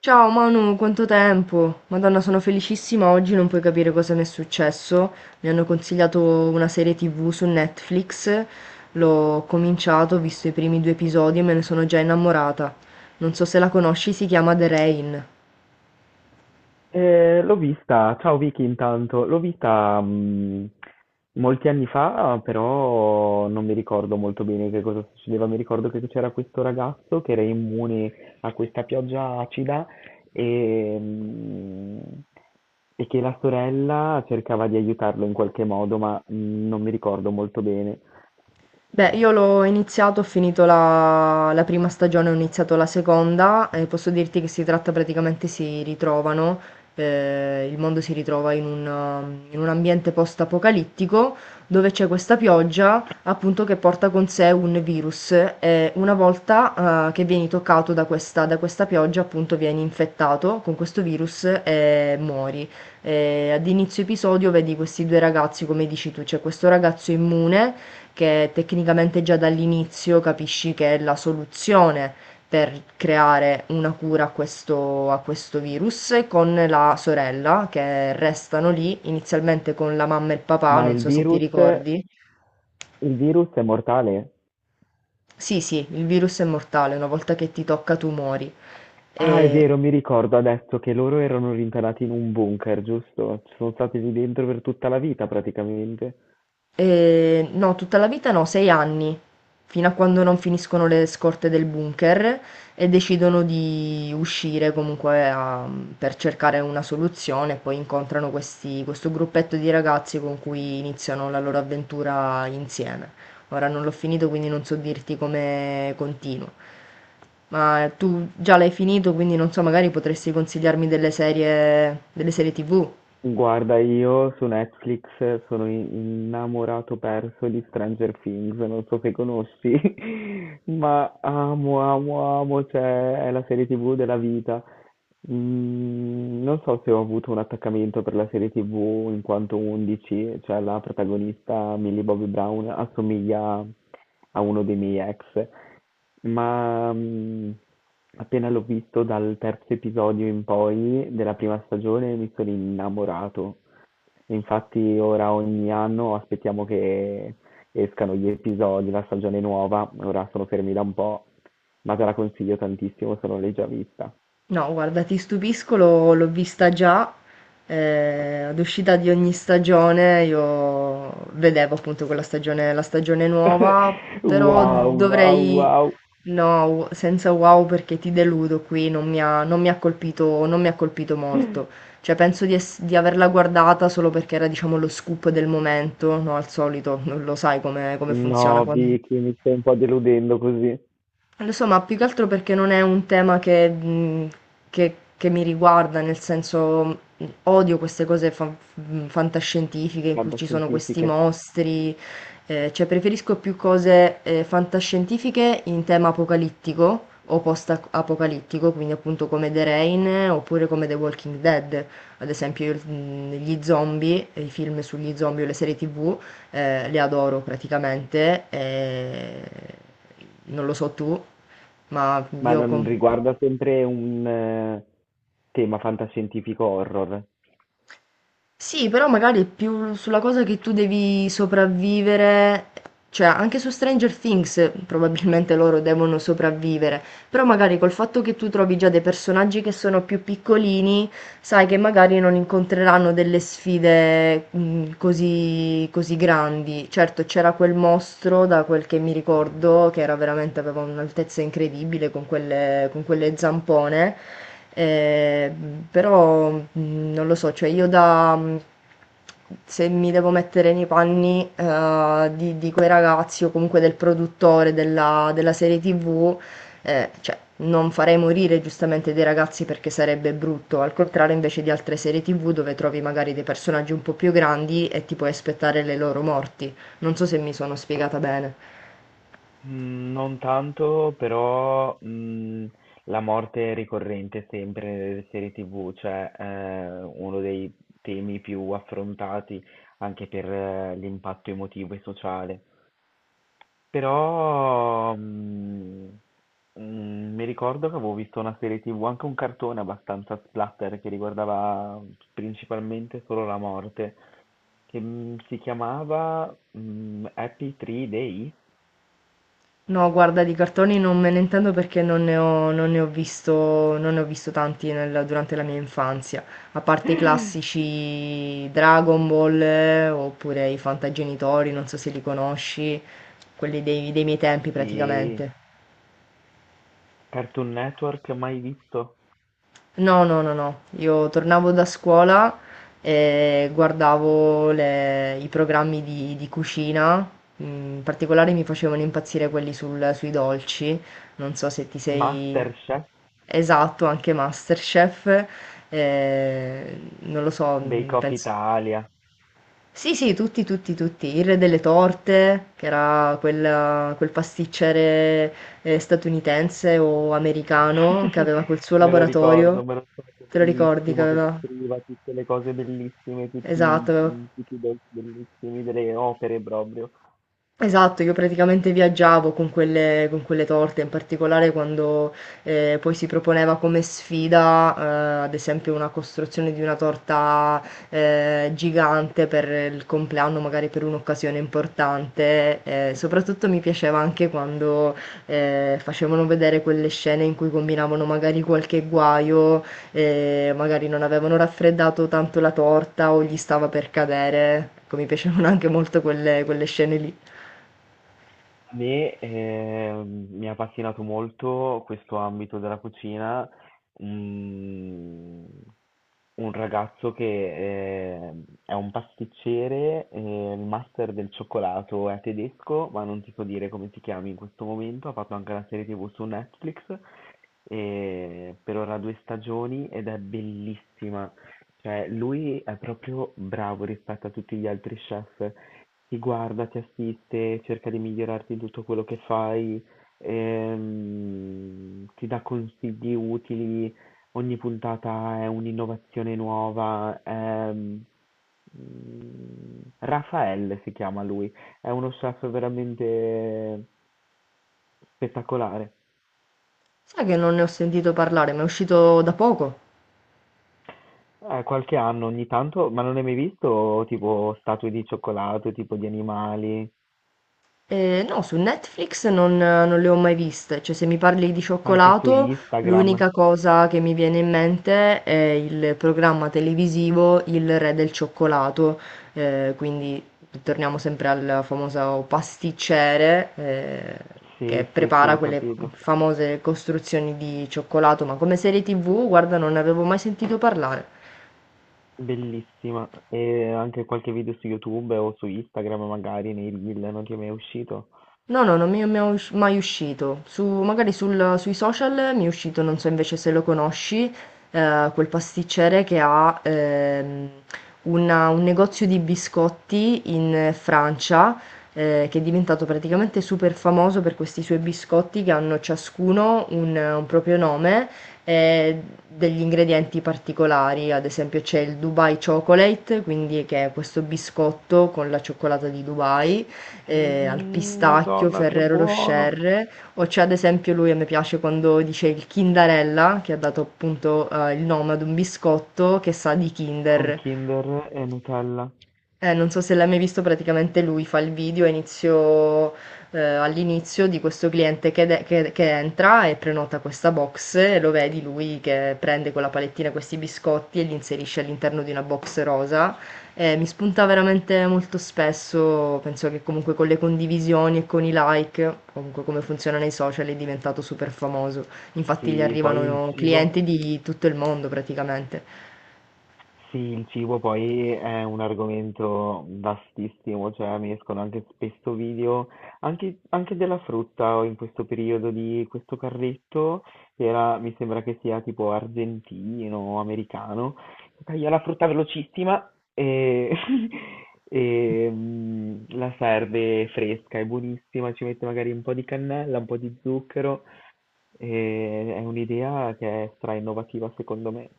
Ciao Manu, quanto tempo? Madonna, sono felicissima, oggi non puoi capire cosa mi è successo. Mi hanno consigliato una serie TV su Netflix, l'ho cominciato, ho visto i primi 2 episodi e me ne sono già innamorata. Non so se la conosci, si chiama The Rain. L'ho vista, ciao Vicky intanto, l'ho vista molti anni fa, però non mi ricordo molto bene che cosa succedeva, mi ricordo che c'era questo ragazzo che era immune a questa pioggia acida e, mh, e che la sorella cercava di aiutarlo in qualche modo, ma non mi ricordo molto bene. Beh, io l'ho iniziato, ho finito la prima stagione, ho iniziato la seconda e posso dirti che si tratta praticamente, si ritrovano, il mondo si ritrova in un, in un ambiente post-apocalittico dove c'è questa pioggia appunto che porta con sé un virus e una volta che vieni toccato da questa pioggia appunto vieni infettato con questo virus e muori. Ad inizio episodio vedi questi due ragazzi, come dici tu, c'è questo ragazzo immune che tecnicamente già dall'inizio capisci che è la soluzione per creare una cura a questo virus con la sorella che restano lì, inizialmente con la mamma e il papà, Ma non il so se ti virus, il ricordi. virus è mortale? Sì, sì, il virus è mortale, una volta che ti tocca tu muori. Ah, è E- vero, mi ricordo adesso che loro erano rintanati in un bunker, giusto? Ci sono stati lì dentro per tutta la vita praticamente. No, tutta la vita no, 6 anni, fino a quando non finiscono le scorte del bunker e decidono di uscire comunque a per cercare una soluzione e poi incontrano questi questo gruppetto di ragazzi con cui iniziano la loro avventura insieme. Ora non l'ho finito, quindi non so dirti come continua. Ma tu già l'hai finito, quindi non so, magari potresti consigliarmi delle serie TV? Guarda, io su Netflix sono innamorato perso di Stranger Things, non so se conosci, ma amo, amo, amo, cioè è la serie TV della vita. Non so se ho avuto un attaccamento per la serie TV in quanto 11, cioè la protagonista Millie Bobby Brown assomiglia a uno dei miei ex, ma, mhmm, appena l'ho visto dal terzo episodio in poi della prima stagione mi sono innamorato. Infatti ora ogni anno aspettiamo che escano gli episodi, la stagione nuova, ora sono fermi da un po', ma te la consiglio tantissimo se non l'hai già vista. No, guarda, ti stupisco, l'ho vista già, ad uscita di ogni stagione io vedevo appunto quella stagione, la stagione nuova, però Wow, wow, dovrei, wow. no, senza wow perché ti deludo qui, non mi ha colpito, non mi ha colpito molto, cioè penso di, di averla guardata solo perché era diciamo lo scoop del momento, no, al solito, non lo sai come, come funziona No, Vicky, mi stai un po' deludendo così. lo so, ma più che altro perché non è un tema che, che mi riguarda, nel senso odio queste cose fantascientifiche in cui ci sono questi Fantascientifiche. mostri, cioè preferisco più cose fantascientifiche in tema apocalittico o post-apocalittico, quindi appunto come The Rain, oppure come The Walking Dead, ad esempio io, gli zombie, i film sugli zombie o le serie TV. Le adoro praticamente. Non lo so tu, ma Ma io con... non riguarda sempre un tema fantascientifico horror. Sì, però magari è più sulla cosa che tu devi sopravvivere, cioè anche su Stranger Things, probabilmente loro devono sopravvivere, però magari col fatto che tu trovi già dei personaggi che sono più piccolini, sai che magari non incontreranno delle sfide, così così grandi. Certo, c'era quel mostro, da quel che mi ricordo, che era veramente aveva un'altezza incredibile con quelle zampone, però, non lo so, cioè io da se mi devo mettere nei panni, di quei ragazzi o comunque del produttore della serie TV, cioè, non farei morire giustamente dei ragazzi perché sarebbe brutto, al contrario invece di altre serie TV dove trovi magari dei personaggi un po' più grandi e ti puoi aspettare le loro morti. Non so se mi sono spiegata bene. Mm, non tanto, però la morte è ricorrente sempre nelle serie TV, cioè uno dei temi più affrontati anche per l'impatto emotivo e sociale. Però, mhmm, mi ricordo che avevo visto una serie TV, anche un cartone abbastanza splatter che riguardava principalmente solo la morte, si chiamava, Happy Tree Day? No, guarda, di cartoni non me ne intendo perché non ne ho visto, non ne ho visto tanti durante la mia infanzia, a parte i classici Dragon Ball, oppure i Fantagenitori, non so se li conosci, quelli dei miei tempi Sì, praticamente. Cartoon Network, mai visto? No, no, no, no. Io tornavo da scuola e guardavo i programmi di cucina. In particolare mi facevano impazzire quelli sui dolci. Non so se ti sei... MasterChef, Esatto, anche MasterChef. Non lo so, Bake Off penso... Italia. Sì, sì, tutti, tutti, tutti. Il re delle torte, che era quel pasticcere statunitense o americano che aveva quel suo laboratorio. Me lo ricordo Te lo ricordi che bellissimo che aveva? costruiva tutte le cose bellissime, tutti, Esatto, aveva tutti i dolci bellissimi delle opere proprio. Esatto, io praticamente viaggiavo con quelle torte, in particolare quando, poi si proponeva come sfida, ad esempio una costruzione di una torta, gigante per il compleanno, magari per un'occasione importante, soprattutto mi piaceva anche quando, facevano vedere quelle scene in cui combinavano magari qualche guaio, magari non avevano raffreddato tanto la torta o gli stava per cadere. Ecco, mi piacevano anche molto quelle scene lì. A me, mi ha appassionato molto questo ambito della cucina, un, un ragazzo che è un pasticcere, il master del cioccolato è tedesco, ma non ti so dire come si chiami in questo momento, ha fatto anche una serie TV su Netflix, per ora due stagioni ed è bellissima. Cioè, lui è proprio bravo rispetto a tutti gli altri chef. Ti guarda, ti assiste, cerca di migliorarti in tutto quello che fai, ti dà consigli utili, ogni puntata è un'innovazione nuova. Raffaele si chiama lui, è uno chef veramente spettacolare. Sai che non ne ho sentito parlare, ma è uscito da poco? Qualche anno ogni tanto, ma non hai mai visto tipo statue di cioccolato, tipo di animali, No, su Netflix non le ho mai viste, cioè se mi parli di anche su cioccolato, Instagram? l'unica cosa che mi viene in mente è il programma televisivo Il Re del Cioccolato, quindi torniamo sempre al famoso pasticciere, che Sì, sì, sì, prepara ho quelle capito. famose costruzioni di cioccolato, ma come serie TV, guarda, non ne avevo mai sentito parlare. Bellissima. E anche qualche video su YouTube o su Instagram magari, nei reel, non ti è mai uscito? No, no, non mi è mai uscito. Su magari sul sui social mi è uscito, non so invece se lo conosci, quel pasticcere che ha, una un negozio di biscotti in Francia, che è diventato praticamente super famoso per questi suoi biscotti che hanno ciascuno un proprio nome e degli ingredienti particolari. Ad esempio c'è il Dubai Chocolate, quindi che è questo biscotto con la cioccolata di Dubai, al Mmm, pistacchio, Madonna, che Ferrero buono! Rocher, o c'è ad esempio lui, a me piace quando dice il Kindarella, che ha dato appunto il nome ad un biscotto che sa di Con Kinder. Kinder e Nutella. Non so se l'hai mai visto, praticamente lui fa il video a inizio, all'inizio di questo cliente che, che entra e prenota questa box e lo vedi lui che prende con la palettina questi biscotti e li inserisce all'interno di una box rosa. Mi spunta veramente molto spesso, penso che comunque con le condivisioni e con i like, comunque come funziona nei social, è diventato super famoso. Infatti gli Sì, poi il arrivano cibo. clienti di tutto il mondo praticamente. Sì, il cibo poi è un argomento vastissimo, cioè mi escono anche spesso video, anche della frutta o in questo periodo di questo carretto, che era, mi sembra che sia tipo argentino o americano, che taglia la frutta velocissima e, la serve fresca, è buonissima, ci mette magari un po' di cannella, un po' di zucchero, e è un'idea che è stra innovativa secondo me.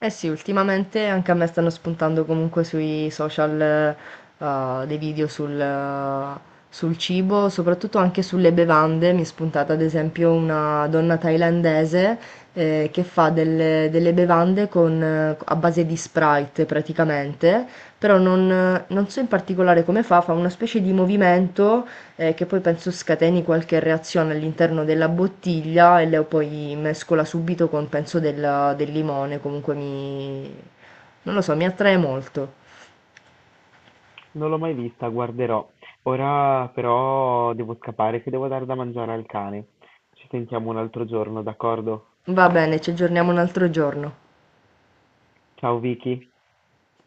Eh sì, ultimamente anche a me stanno spuntando comunque sui social, dei video sul cibo, soprattutto anche sulle bevande. Mi è spuntata ad esempio una donna thailandese, che fa delle bevande con, a base di Sprite praticamente, però non so in particolare come fa, fa una specie di movimento, che poi penso scateni qualche reazione all'interno della bottiglia e la poi mescola subito con penso del limone, comunque mi... non lo so, mi attrae molto. Non l'ho mai vista, guarderò. Ora però devo scappare che devo dare da mangiare al cane. Ci sentiamo un altro giorno, d'accordo? Va bene, ci aggiorniamo un altro giorno. Ciao Vicky.